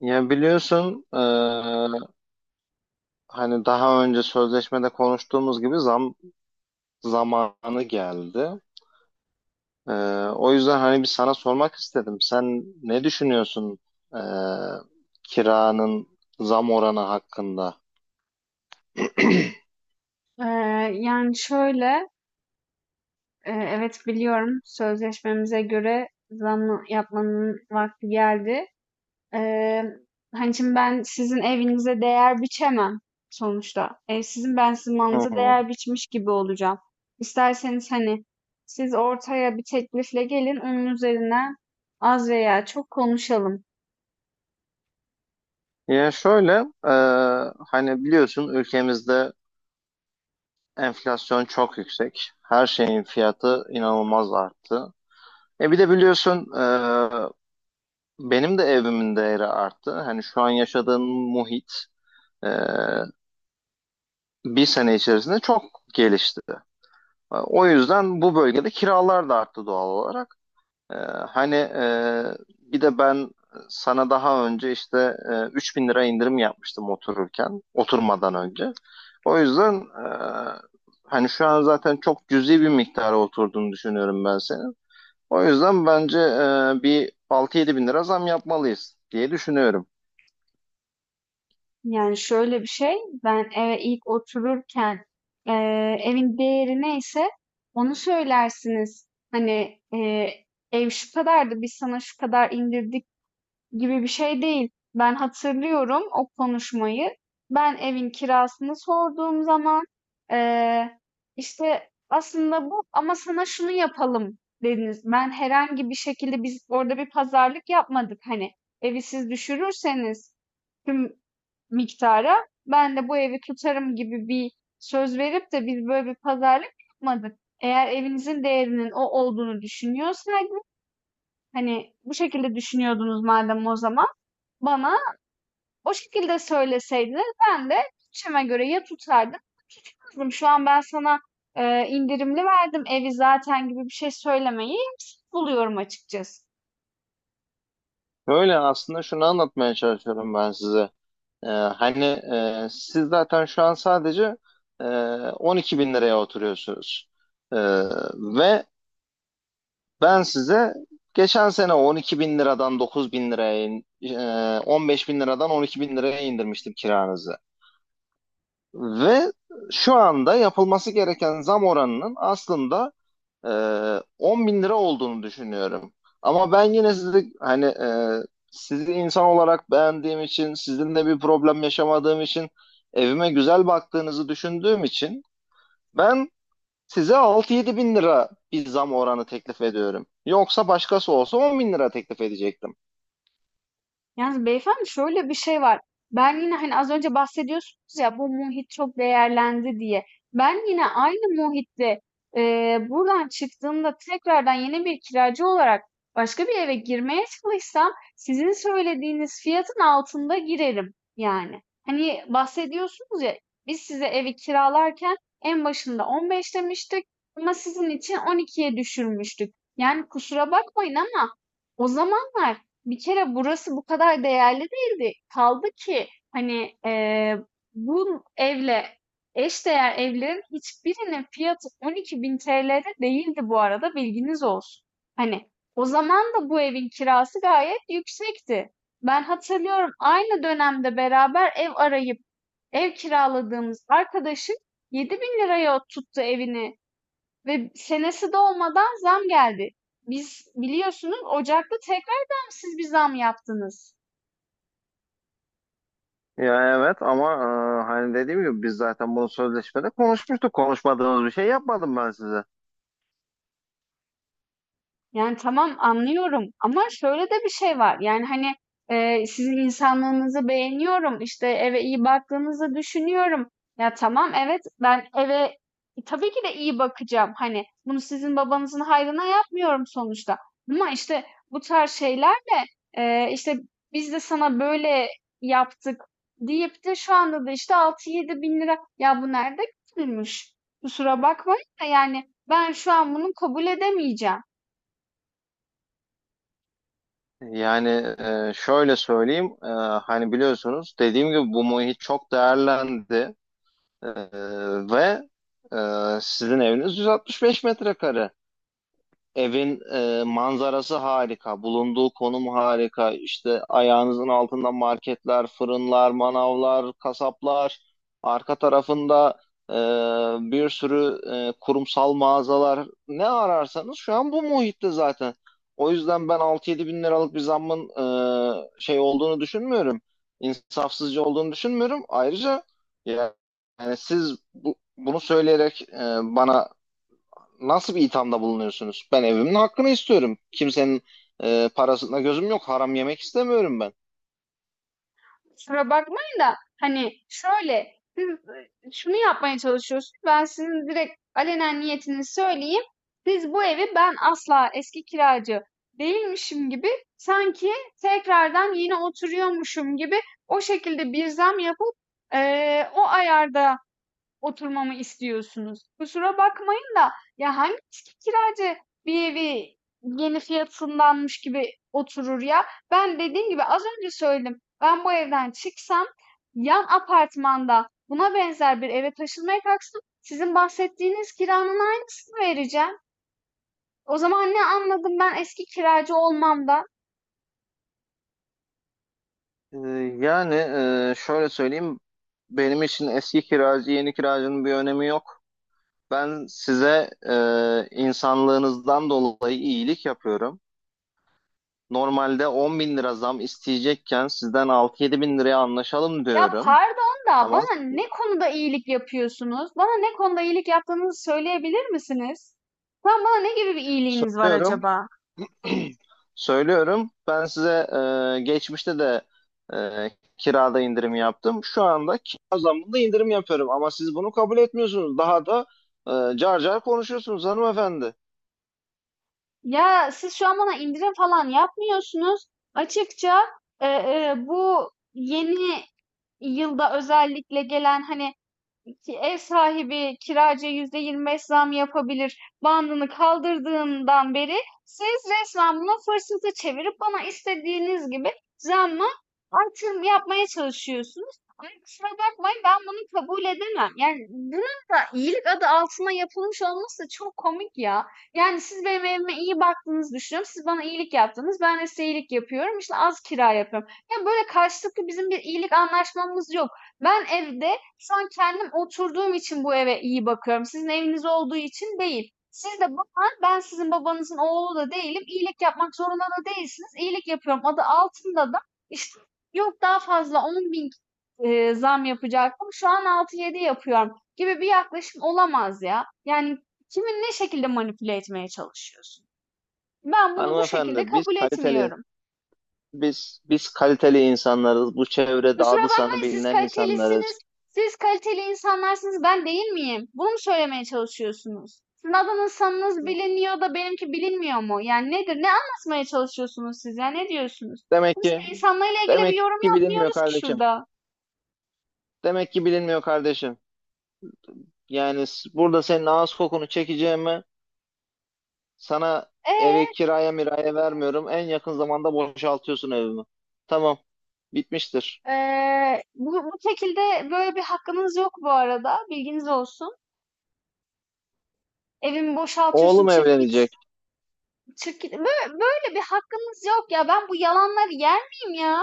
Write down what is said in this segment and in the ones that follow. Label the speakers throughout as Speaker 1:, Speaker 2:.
Speaker 1: Ya biliyorsun hani daha önce sözleşmede konuştuğumuz gibi zam zamanı geldi. E, O yüzden hani bir sana sormak istedim. Sen ne düşünüyorsun e, kiranın zam oranı hakkında?
Speaker 2: Eee, Yani şöyle, evet biliyorum sözleşmemize göre zam yapmanın vakti geldi. Eee Hani şimdi ben sizin evinize değer biçemem sonuçta. Ev sizin, ben sizin
Speaker 1: Hı
Speaker 2: malınıza
Speaker 1: hı.
Speaker 2: değer biçmiş gibi olacağım. İsterseniz hani siz ortaya bir teklifle gelin, onun üzerine az veya çok konuşalım.
Speaker 1: Ya şöyle e, hani biliyorsun ülkemizde enflasyon çok yüksek. Her şeyin fiyatı inanılmaz arttı. Bir de biliyorsun benim de evimin değeri arttı. Hani şu an yaşadığım muhit e, bir sene içerisinde çok gelişti. O yüzden bu bölgede kiralar da arttı doğal olarak. E, hani bir de ben sana daha önce işte 3 bin lira indirim yapmıştım otururken, oturmadan önce. O yüzden hani şu an zaten çok cüzi bir miktara oturduğunu düşünüyorum ben senin. O yüzden bence bir 6-7 bin lira zam yapmalıyız diye düşünüyorum.
Speaker 2: Yani şöyle bir şey, ben eve ilk otururken evin değeri neyse onu söylersiniz. Hani, ev şu kadardı, biz sana şu kadar indirdik gibi bir şey değil. Ben hatırlıyorum o konuşmayı. Ben evin kirasını sorduğum zaman eee, işte aslında bu, ama sana şunu yapalım dediniz. Ben herhangi bir şekilde, biz orada bir pazarlık yapmadık. Hani evi siz düşürürseniz tüm miktara, ben de bu evi tutarım gibi bir söz verip de biz böyle bir pazarlık yapmadık. Eğer evinizin değerinin o olduğunu düşünüyorsaydınız, hani bu şekilde düşünüyordunuz madem o zaman, bana o şekilde söyleseydiniz ben de bütçeme göre ya tutardım ya tutmazdım. Şu an ben sana indirimli verdim evi zaten gibi bir şey söylemeyi buluyorum açıkçası.
Speaker 1: Öyle aslında şunu anlatmaya çalışıyorum ben size. Hani siz zaten şu an sadece e, 12 bin liraya oturuyorsunuz. Ee, ve ben size geçen sene 12 bin liradan 9 bin liraya, 15 bin liradan 12 bin liraya indirmiştim kiranızı. Ve şu anda yapılması gereken zam oranının aslında e, 10 bin lira olduğunu düşünüyorum. Ama ben yine sizi hani sizi insan olarak beğendiğim için, sizinle bir problem yaşamadığım için, evime güzel baktığınızı düşündüğüm için ben size 6-7 bin lira bir zam oranı teklif ediyorum. Yoksa başkası olsa 10 bin lira teklif edecektim.
Speaker 2: Yalnız beyefendi, şöyle bir şey var. Ben yine, hani az önce bahsediyorsunuz ya, bu muhit çok değerlendi diye. Ben yine aynı muhitte, buradan çıktığımda tekrardan yeni bir kiracı olarak başka bir eve girmeye çalışsam sizin söylediğiniz fiyatın altında girerim yani. Hani bahsediyorsunuz ya, biz size evi kiralarken en başında 15 demiştik ama sizin için 12'ye düşürmüştük. Yani kusura bakmayın ama o zamanlar bir kere burası bu kadar değerli değildi. Kaldı ki hani, bu evle eşdeğer evlerin hiçbirinin fiyatı ₺12.000 değildi bu arada, bilginiz olsun. Hani, o zaman da bu evin kirası gayet yüksekti. Ben hatırlıyorum, aynı dönemde beraber ev arayıp ev kiraladığımız arkadaşın 7.000 liraya tuttu evini ve senesi dolmadan zam geldi. Biz biliyorsunuz, Ocak'ta tekrardan siz bir zam yaptınız.
Speaker 1: Ya evet ama hani dediğim gibi biz zaten bunu sözleşmede konuşmuştuk. Konuşmadığımız bir şey yapmadım ben size.
Speaker 2: Yani tamam, anlıyorum ama şöyle de bir şey var. Yani, hani, sizin insanlığınızı beğeniyorum, işte, eve iyi baktığınızı düşünüyorum. Ya tamam, evet, ben eve tabii ki de iyi bakacağım. Hani, bunu sizin babanızın hayrına yapmıyorum sonuçta ama işte, bu tarz şeylerle, işte, "Biz de sana böyle yaptık." deyip de şu anda da işte, 6-7 bin lira ya, bu nerede görülmüş? Kusura bakmayın da, yani, ben şu an bunu kabul edemeyeceğim.
Speaker 1: Yani şöyle söyleyeyim, hani biliyorsunuz dediğim gibi bu muhit çok değerlendi. E, ve e, sizin eviniz 165 metrekare. Evin manzarası harika, bulunduğu konum harika. İşte ayağınızın altında marketler, fırınlar, manavlar, kasaplar. Arka tarafında e, bir sürü kurumsal mağazalar. Ne ararsanız şu an bu muhitte zaten. O yüzden ben 6-7 bin liralık bir zammın şey olduğunu düşünmüyorum. İnsafsızca olduğunu düşünmüyorum. Ayrıca yani siz bunu söyleyerek bana nasıl bir ithamda bulunuyorsunuz? Ben evimin hakkını istiyorum. Kimsenin parasına gözüm yok. Haram yemek istemiyorum ben.
Speaker 2: Kusura bakmayın da, hani şöyle siz şunu yapmaya çalışıyorsunuz. Ben sizin direkt alenen niyetini söyleyeyim. Siz bu evi, ben asla eski kiracı değilmişim gibi, sanki tekrardan yeni oturuyormuşum gibi o şekilde bir zam yapıp e, o ayarda oturmamı istiyorsunuz? Kusura bakmayın da, ya hangi eski kiracı bir evi yeni fiyatındanmış gibi oturur ya? Ben dediğim gibi az önce söyledim. Ben bu evden çıksam, yan apartmanda buna benzer bir eve taşınmaya kalksam sizin bahsettiğiniz kiranın aynısını vereceğim. O zaman ne anladım ben eski kiracı olmamdan?
Speaker 1: E, yani şöyle söyleyeyim. Benim için eski kiracı, yeni kiracının bir önemi yok. Ben size insanlığınızdan dolayı iyilik yapıyorum. Normalde 10 bin lira zam isteyecekken sizden 6-7 bin liraya anlaşalım
Speaker 2: Ya
Speaker 1: diyorum.
Speaker 2: pardon da,
Speaker 1: Ama
Speaker 2: bana ne konuda iyilik yapıyorsunuz? Bana ne konuda iyilik yaptığınızı söyleyebilir misiniz? Tam bana ne gibi bir iyiliğiniz var
Speaker 1: söylüyorum
Speaker 2: acaba?
Speaker 1: Söylüyorum. Ben size geçmişte de e, kirada indirim yaptım. Şu anda kira zammında indirim yapıyorum. Ama siz bunu kabul etmiyorsunuz. Daha da car car konuşuyorsunuz hanımefendi.
Speaker 2: Ya siz şu an bana indirim falan yapmıyorsunuz. Açıkça, bu yeni yılda özellikle gelen, hani ki ev sahibi kiracıya %25 zam yapabilir bandını kaldırdığından beri siz resmen buna fırsatı çevirip bana istediğiniz gibi zamla artırım yapmaya çalışıyorsunuz. Ama kusura bakmayın, ben bunu kabul edemem. Yani bunun da iyilik adı altına yapılmış olması da çok komik ya. Yani siz benim evime iyi baktığınızı düşünüyorum. Siz bana iyilik yaptınız, ben de size iyilik yapıyorum. İşte az kira yapıyorum. Yani böyle karşılıklı bizim bir iyilik anlaşmamız yok. Ben evde şu an kendim oturduğum için bu eve iyi bakıyorum, sizin eviniz olduğu için değil. Siz de bana, ben sizin babanızın oğlu da değilim. İyilik yapmak zorunda da değilsiniz. İyilik yapıyorum adı altında da işte, yok daha fazla 10 bin zam yapacaktım, şu an 6-7 yapıyorum gibi bir yaklaşım olamaz ya. Yani kimin ne şekilde manipüle etmeye çalışıyorsun? Ben bunu bu şekilde
Speaker 1: Hanımefendi biz
Speaker 2: kabul
Speaker 1: kaliteli
Speaker 2: etmiyorum.
Speaker 1: biz biz kaliteli insanlarız. Bu çevrede
Speaker 2: Kusura
Speaker 1: adı sanı
Speaker 2: bakmayın, siz
Speaker 1: bilinen insanlarız.
Speaker 2: kalitelisiniz. Siz kaliteli insanlarsınız, ben değil miyim? Bunu mu söylemeye çalışıyorsunuz? Sizin adınız biliniyor da benimki bilinmiyor mu? Yani nedir? Ne anlatmaya çalışıyorsunuz siz ya? Ne diyorsunuz?
Speaker 1: Demek
Speaker 2: Kimse
Speaker 1: ki
Speaker 2: insanlarla ilgili bir
Speaker 1: demek
Speaker 2: yorum
Speaker 1: ki bilinmiyor
Speaker 2: yapmıyoruz ki
Speaker 1: kardeşim.
Speaker 2: şurada.
Speaker 1: Demek ki bilinmiyor kardeşim. Yani burada senin ağız kokunu çekeceğime sana eve
Speaker 2: Ee,
Speaker 1: kiraya miraya vermiyorum. En yakın zamanda boşaltıyorsun evimi. Tamam. Bitmiştir.
Speaker 2: bu şekilde böyle bir hakkınız yok bu arada. Bilginiz olsun. Evimi boşaltıyorsun,
Speaker 1: Oğlum
Speaker 2: çık git.
Speaker 1: evlenecek.
Speaker 2: Çık git. Böyle, böyle bir hakkınız yok ya. Ben bu yalanları yer miyim ya?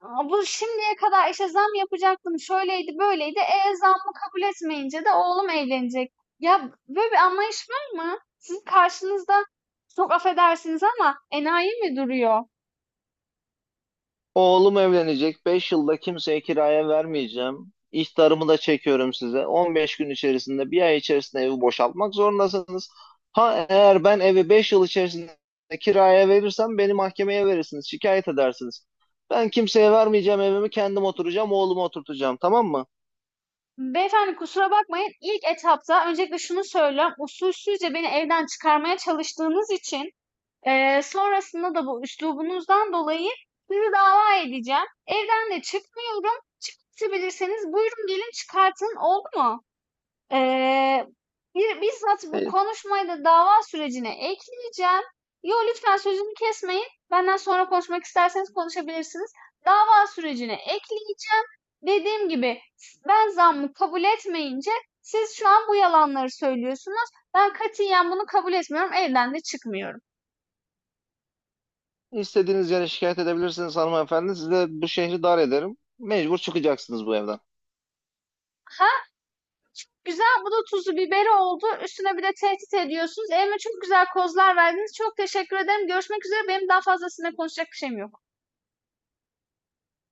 Speaker 2: Aa, bu şimdiye kadar işte zam yapacaktım, şöyleydi, böyleydi. E, zammı kabul etmeyince de oğlum evlenecek. Ya böyle bir anlayış var mı? Sizin karşınızda çok affedersiniz ama enayi mi duruyor?
Speaker 1: Oğlum evlenecek. 5 yılda kimseye kiraya vermeyeceğim. İhtarımı da çekiyorum size. 15 gün içerisinde, bir ay içerisinde evi boşaltmak zorundasınız. Ha eğer ben evi 5 yıl içerisinde kiraya verirsem beni mahkemeye verirsiniz. Şikayet edersiniz. Ben kimseye vermeyeceğim evimi kendim oturacağım, oğlumu oturtacağım. Tamam mı?
Speaker 2: Beyefendi kusura bakmayın. İlk etapta öncelikle şunu söylüyorum. Usulsüzce beni evden çıkarmaya çalıştığınız için, sonrasında da bu üslubunuzdan dolayı sizi dava edeceğim. Evden de çıkmıyorum. Çıkartabilirseniz buyurun, gelin çıkartın, oldu mu? Eee, Bizzat bu
Speaker 1: E,
Speaker 2: konuşmayı da dava sürecine ekleyeceğim. Yo, lütfen sözümü kesmeyin. Benden sonra konuşmak isterseniz konuşabilirsiniz. Dava sürecine ekleyeceğim. Dediğim gibi, ben zammı kabul etmeyince siz şu an bu yalanları söylüyorsunuz. Ben katiyen bunu kabul etmiyorum. Evden de çıkmıyorum.
Speaker 1: İstediğiniz yere şikayet edebilirsiniz hanımefendi. Size bu şehri dar ederim. Mecbur çıkacaksınız bu evden.
Speaker 2: Ha, güzel, bu da tuzu biberi oldu. Üstüne bir de tehdit ediyorsunuz. Elime çok güzel kozlar verdiniz. Çok teşekkür ederim. Görüşmek üzere. Benim daha fazlasıyla konuşacak bir şeyim yok.